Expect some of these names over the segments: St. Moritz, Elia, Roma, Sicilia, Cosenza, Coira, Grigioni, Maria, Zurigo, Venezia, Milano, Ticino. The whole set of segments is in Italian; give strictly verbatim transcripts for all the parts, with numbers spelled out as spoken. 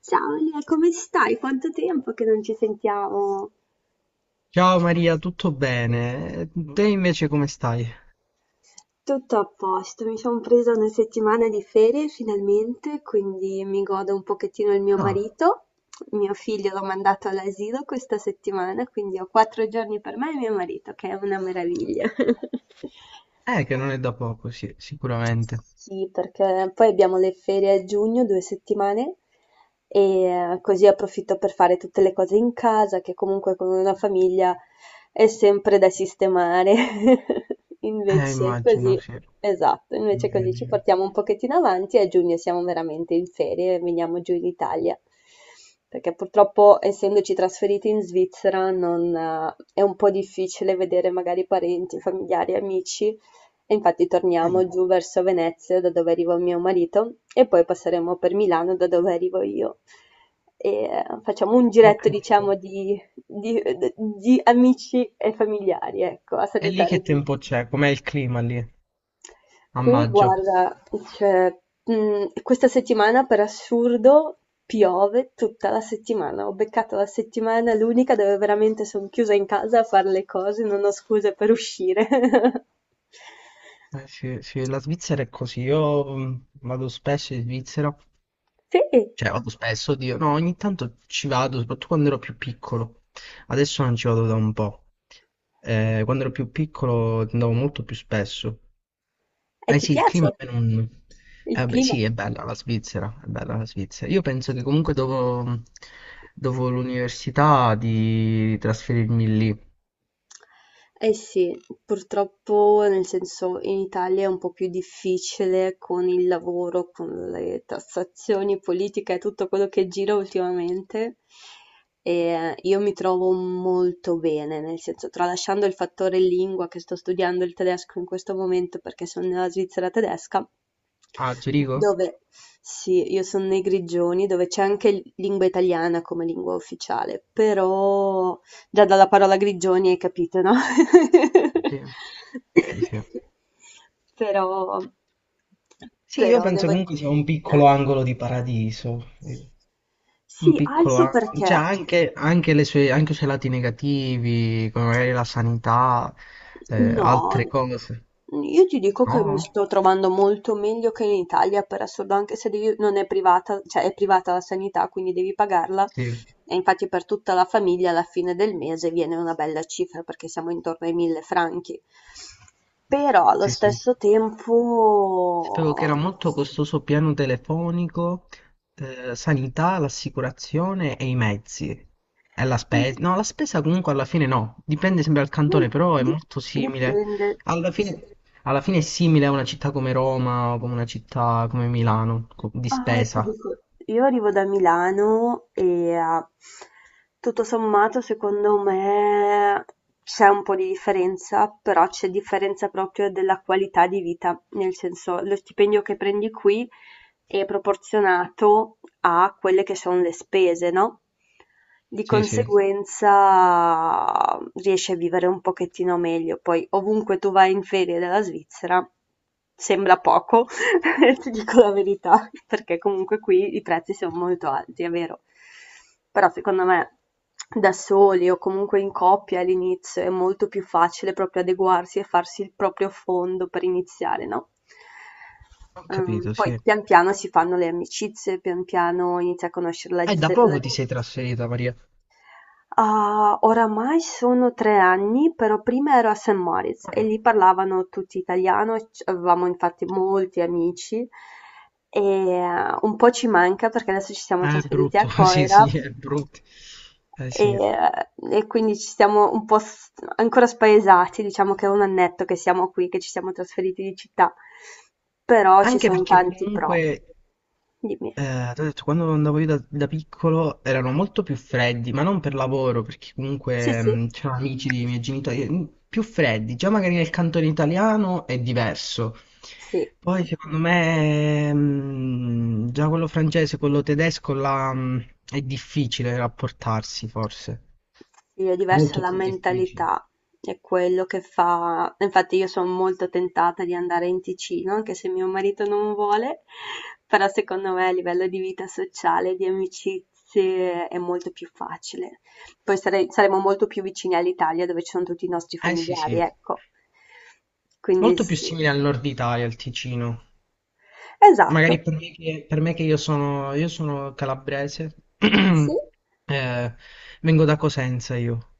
Ciao Elia, come stai? Quanto tempo che non ci sentiamo? Ciao Maria, tutto bene? Te invece come stai? Tutto a posto, mi sono presa una settimana di ferie finalmente, quindi mi godo un pochettino il mio Ah, marito. Mio figlio l'ho mandato all'asilo questa settimana, quindi ho quattro giorni per me e mio marito, che è una meraviglia. eh, che non è da poco, sì, sicuramente. Sì, perché poi abbiamo le ferie a giugno, due settimane, e eh, così approfitto per fare tutte le cose in casa, che comunque con una famiglia è sempre da sistemare. Eh, Invece immagino, così, sì, esatto, invece così ci immagino. portiamo un pochettino avanti e a giugno siamo veramente in ferie e veniamo giù in Italia. Perché purtroppo, essendoci trasferiti in Svizzera, non, eh, è un po' difficile vedere magari parenti, familiari, amici. E infatti torniamo Eh, giù verso Venezia, da dove arriva mio marito, e poi passeremo per Milano, da dove arrivo io. E eh, facciamo un ho giretto, capito. diciamo, di, di- di amici e familiari, ecco, a E lì che salutare tutti. tempo c'è? Com'è il clima lì? A Qui, maggio? guarda, cioè, mh, questa settimana per assurdo piove tutta la settimana. Ho beccato la settimana l'unica dove veramente sono chiusa in casa a fare le cose, non ho scuse per uscire. Eh, sì, sì, la Svizzera è così. Io mm, vado spesso in Svizzera, Sì. cioè vado spesso, oddio, no, ogni tanto ci vado, soprattutto quando ero più piccolo. Adesso non ci vado da un po'. Eh, quando ero più piccolo andavo molto più spesso. E Eh ti sì, il piace clima a me non... il Eh beh, clima? sì, è bella la Svizzera, è bella la Svizzera. Io penso che comunque dopo, dopo l'università di trasferirmi lì. Eh sì, purtroppo nel senso in Italia è un po' più difficile con il lavoro, con le tassazioni, politica e tutto quello che gira ultimamente. E eh, io mi trovo molto bene, nel senso, tralasciando il fattore lingua che sto studiando il tedesco in questo momento perché sono nella Svizzera tedesca, A Zurigo? dove sì, io sono nei Grigioni, dove c'è anche lingua italiana come lingua ufficiale, però già dalla parola grigioni hai capito, no? Sì, sì, sì. Però, Sì, io però penso devo... comunque sia un piccolo eh. angolo di paradiso. Un Sì, piccolo... alzo a- Cioè, perché? anche, anche, le sue, anche i suoi lati negativi, come magari la sanità, eh, No, altre cose. io ti dico che mi No? sto trovando molto meglio che in Italia, per assurdo, anche se devi- non è privata, cioè è privata la sanità, quindi devi pagarla. Sì, E infatti per tutta la famiglia alla fine del mese viene una bella cifra, perché siamo intorno ai mille franchi. Però allo sì, sì. stesso Sapevo che tempo... era molto costoso piano telefonico, eh, sanità, l'assicurazione e i mezzi. E la Mm, spesa. No, la spesa comunque alla fine no, dipende sempre dal mm, cantone, però è di- molto simile. dipende. Alla Sì. fine, alla fine è simile a una città come Roma o come una città come Milano, co- di Ah, ti spesa. dico, io arrivo da Milano e eh, tutto sommato secondo me c'è un po' di differenza, però c'è differenza proprio della qualità di vita, nel senso lo stipendio che prendi qui è proporzionato a quelle che sono le spese, no? Di Sì, sì, conseguenza riesci a vivere un pochettino meglio. Poi ovunque tu vai in ferie dalla Svizzera sembra poco, ti dico la verità, perché comunque qui i prezzi sono molto alti, è vero. Però secondo me da soli o comunque in coppia all'inizio è molto più facile proprio adeguarsi e farsi il proprio fondo per iniziare, no? ho Ehm, capito, poi sì. pian piano si fanno le amicizie, pian piano inizi a conoscere la, E da z- la poco ti sei trasferita, Maria. Ah, oramai sono tre anni, però prima ero a sankt Moritz e Eh, lì parlavano tutti italiano, e c- avevamo infatti molti amici e eh, un po' ci manca perché adesso ci siamo È trasferiti a brutto, sì, sì, Coira è brutto. Eh, e, sì. eh, e quindi ci siamo un po' s- ancora spaesati, diciamo che è un annetto che siamo qui, che ci siamo trasferiti di città, però ci Anche sono perché tanti pro. comunque Dimmi. eh, t'ho detto, quando andavo io da, da piccolo erano molto più freddi, ma non per lavoro, perché Sì, comunque sì, mh, c'erano amici dei miei genitori mh, più freddi. Già magari nel cantone italiano è diverso. sì. Poi secondo me mh, già quello francese, quello tedesco là, mh, è difficile rapportarsi, forse. Sì, è diversa Molto la più difficile. mentalità, è quello che fa. Infatti io sono molto tentata di andare in Ticino, anche se mio marito non vuole, però secondo me a livello di vita sociale, di amicizie, è molto più facile. Poi sare- saremo molto più vicini all'Italia dove ci sono tutti i nostri Eh sì, familiari, sì. ecco. Quindi Molto più sì. simile al nord Italia, al Ticino. Magari Esatto. per me che, per me che io sono, io sono calabrese, Sì. eh, vengo da Cosenza io.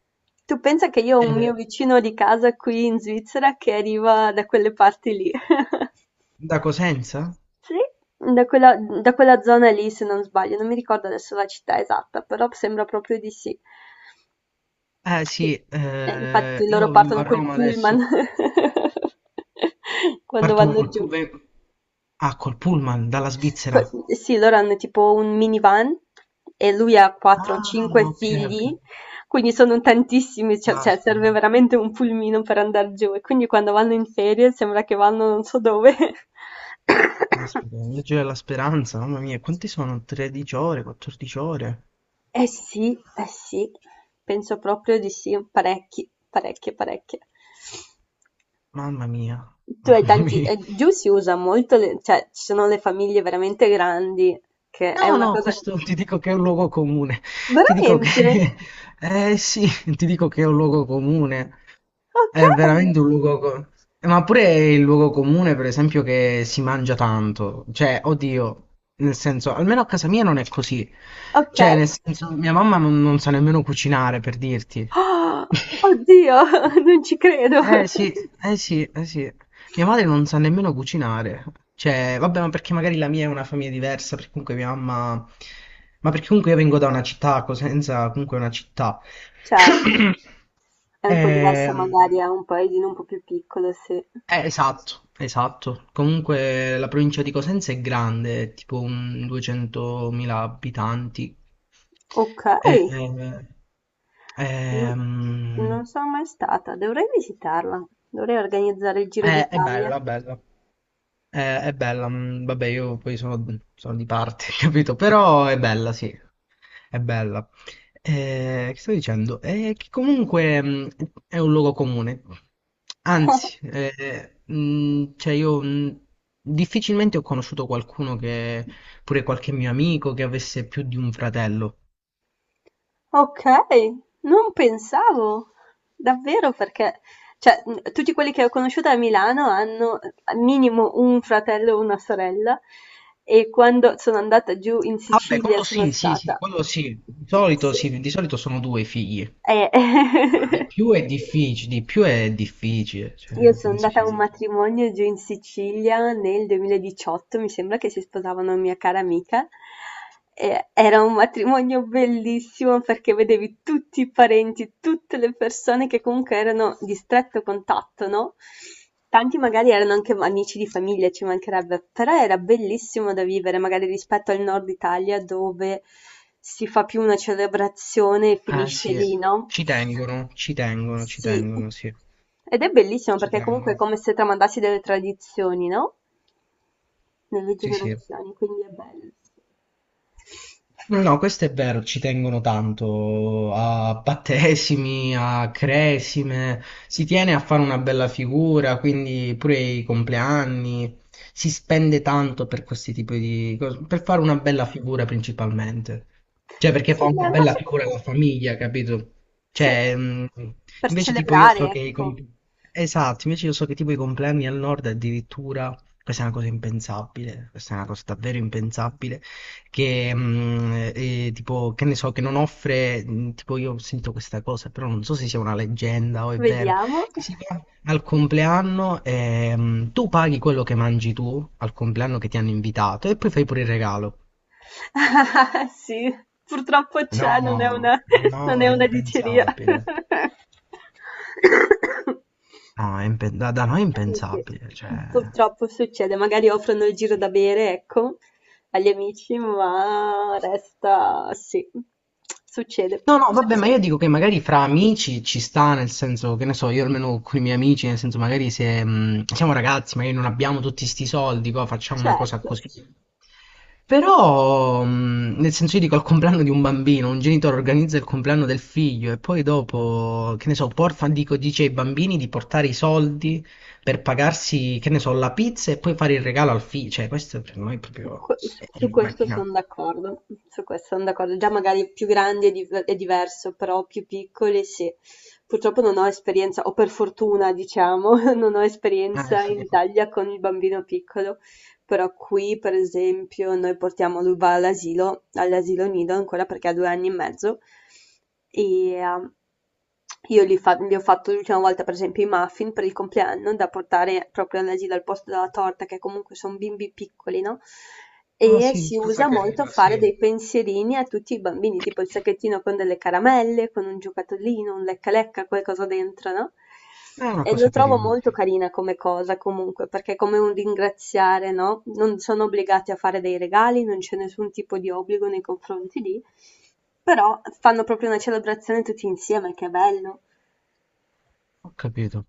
Tu pensa che io ho un Eh, mio vicino di casa qui in Svizzera che arriva da quelle parti lì. da Cosenza? Sì, da quella, da quella zona lì, se non sbaglio, non mi ricordo adesso la città esatta, però sembra proprio di sì. Eh Sì, sì, eh, eh, infatti loro io vivo a partono col Roma adesso. pullman quando Partono vanno col giù. pullman. Ah, col pullman, dalla Svizzera. Co- Sì, loro hanno tipo un minivan e lui ha Ah, quattro o cinque ok, ok. figli, quindi sono tantissimi, cioè, cioè, Caspita, serve veramente un pulmino per andare giù e quindi quando vanno in ferie sembra che vanno non so dove. caspita, il viaggio della speranza, mamma mia, quanti sono? tredici ore, quattordici ore? Eh sì, eh sì, penso proprio di sì, parecchi, parecchie, parecchie. Mamma mia, Tu hai mamma tanti, mia. eh, giù si usa molto, le- cioè ci sono le famiglie veramente grandi, che è No, una no, cosa... questo ti dico che è un luogo comune. Ti dico che... Veramente? Eh sì, ti dico che è un luogo comune. Ok. È veramente un luogo... co- Ma pure è il luogo comune, per esempio, che si mangia tanto. Cioè, oddio, nel senso, almeno a casa mia non è così. Okay. Cioè, nel senso, mia mamma non, non sa nemmeno cucinare, per dirti. Ah! Oddio, non ci credo. Eh sì, eh sì, eh sì. Mia madre non sa nemmeno cucinare, cioè, vabbè, ma perché magari la mia è una famiglia diversa, perché comunque mia mamma... Ma perché comunque io vengo da una città, Cosenza comunque è una città. Certo, è un po' diverso magari Ehm, a un paesino un po' più piccolo, sì. eh, esatto, esatto. Comunque la provincia di Cosenza è grande, è tipo un duecentomila abitanti. Eh, Okay, non non ehm, sono mai stata, dovrei visitarla, dovrei organizzare il eh, Giro è, è d'Italia. bella, bella. Eh, è bella, mm, vabbè, io poi sono, sono di parte, capito? Però è bella, sì, è bella. Eh, che stavo dicendo? Eh, che comunque mm, è un luogo comune. Anzi, eh, mm, cioè io mm, difficilmente ho conosciuto qualcuno che, pure qualche mio amico, che avesse più di un fratello. Ok, non pensavo, davvero perché, cioè, mh, tutti quelli che ho conosciuto a Milano hanno al minimo un fratello o una sorella e quando sono andata giù in Vabbè, Sicilia quello sono sì, sì, sì, stata... quello sì. Di solito, Sì. sì, di solito sono due i figli. Ma di Eh, più è difficile, di più è difficile, Io cioè, sono penso andata sia a un molto. matrimonio giù in Sicilia nel duemiladiciotto, mi sembra che si sposava una mia cara amica. E era un matrimonio bellissimo perché vedevi tutti i parenti, tutte le persone che comunque erano di stretto contatto, no? Tanti magari erano anche amici di famiglia, ci mancherebbe, però era bellissimo da vivere, magari rispetto al nord Italia dove si fa più una celebrazione e Ah finisce sì, lì, no? ci tengono, ci tengono, ci Sì. tengono, sì, Ed è bellissimo ci perché comunque è tengono. come se tramandassi delle tradizioni, no? Nelle Sì, sì. generazioni, quindi è bello. No, no, questo è vero, ci tengono tanto a battesimi, a cresime, si tiene a fare una bella figura, quindi pure i compleanni, si spende tanto per questi tipi di cose, per fare una bella figura principalmente. Cioè, perché Sì, fa una dai, ma bella figura secondo la famiglia, capito? sì, Cioè, mh, per invece tipo io so celebrare, che i ecco. compleanni... Esatto, invece io so che tipo i compleanni al nord addirittura, questa è una cosa impensabile, questa è una cosa davvero impensabile che mh, eh, tipo, che ne so, che non offre, mh, tipo io ho sentito questa cosa, però non so se sia una leggenda o è vero, Vediamo. che si va al compleanno e mh, tu paghi quello che mangi tu al compleanno che ti hanno invitato e poi fai pure il regalo. Sì, purtroppo c'è, non è No, una, non no, è è una diceria. impensabile. No, è impen- da, da noi è Eh, sì, impensabile, cioè... purtroppo succede, magari offrono il giro da bere, ecco, agli amici, ma resta, sì, succede. No, no, vabbè, ma io Succede. dico che magari fra amici ci sta, nel senso, che ne so, io almeno con i miei amici, nel senso, magari se mh, siamo ragazzi, magari non abbiamo tutti sti soldi, co, facciamo una cosa Certo, così. Però, mh, nel senso, io dico al compleanno di un bambino, un genitore organizza il compleanno del figlio e poi dopo, che ne so, porta, dico, dice ai bambini di portare i soldi per pagarsi, che ne so, la pizza e poi fare il regalo al figlio. Cioè, questo per noi è proprio... que- su è su questo sono immaginabile. d'accordo, su questo sono d'accordo. Già magari più grandi è, div- è diverso, però più piccoli sì. Purtroppo non ho esperienza, o per fortuna diciamo, non ho Ah, esperienza sì. in Italia con il bambino piccolo. Però qui per esempio noi portiamo lui va all'asilo, all'asilo nido ancora perché ha due anni e mezzo e ehm, io gli, fa- gli ho fatto l'ultima volta per esempio i muffin per il compleanno da portare proprio all'asilo al posto della torta che comunque sono bimbi piccoli, no? Ah, E sì, si cosa usa molto carina, sì. fare dei pensierini a tutti i bambini, tipo il sacchettino con delle caramelle, con un giocattolino, un lecca lecca, qualcosa dentro, no? È una E lo cosa trovo carina, molto sì. carina come cosa comunque, perché è come un ringraziare, no? Non sono obbligati a fare dei regali, non c'è nessun tipo di obbligo nei confronti di, però fanno proprio una celebrazione tutti insieme, che è bello. Ho capito.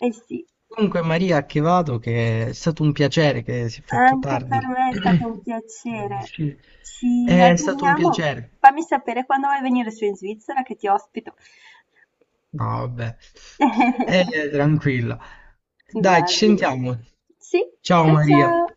Eh sì, Comunque, Maria, che vado, che è stato un piacere che si è fatto anche per tardi. me è stato un Che devo piacere. uscire. Ci È stato un aggiorniamo. piacere. Fammi sapere quando vuoi venire su in Svizzera che ti ospito. No, vabbè. Eh, tranquilla. Dai, Va ci bene. sentiamo. Sì, Ciao ciao Maria. ciao.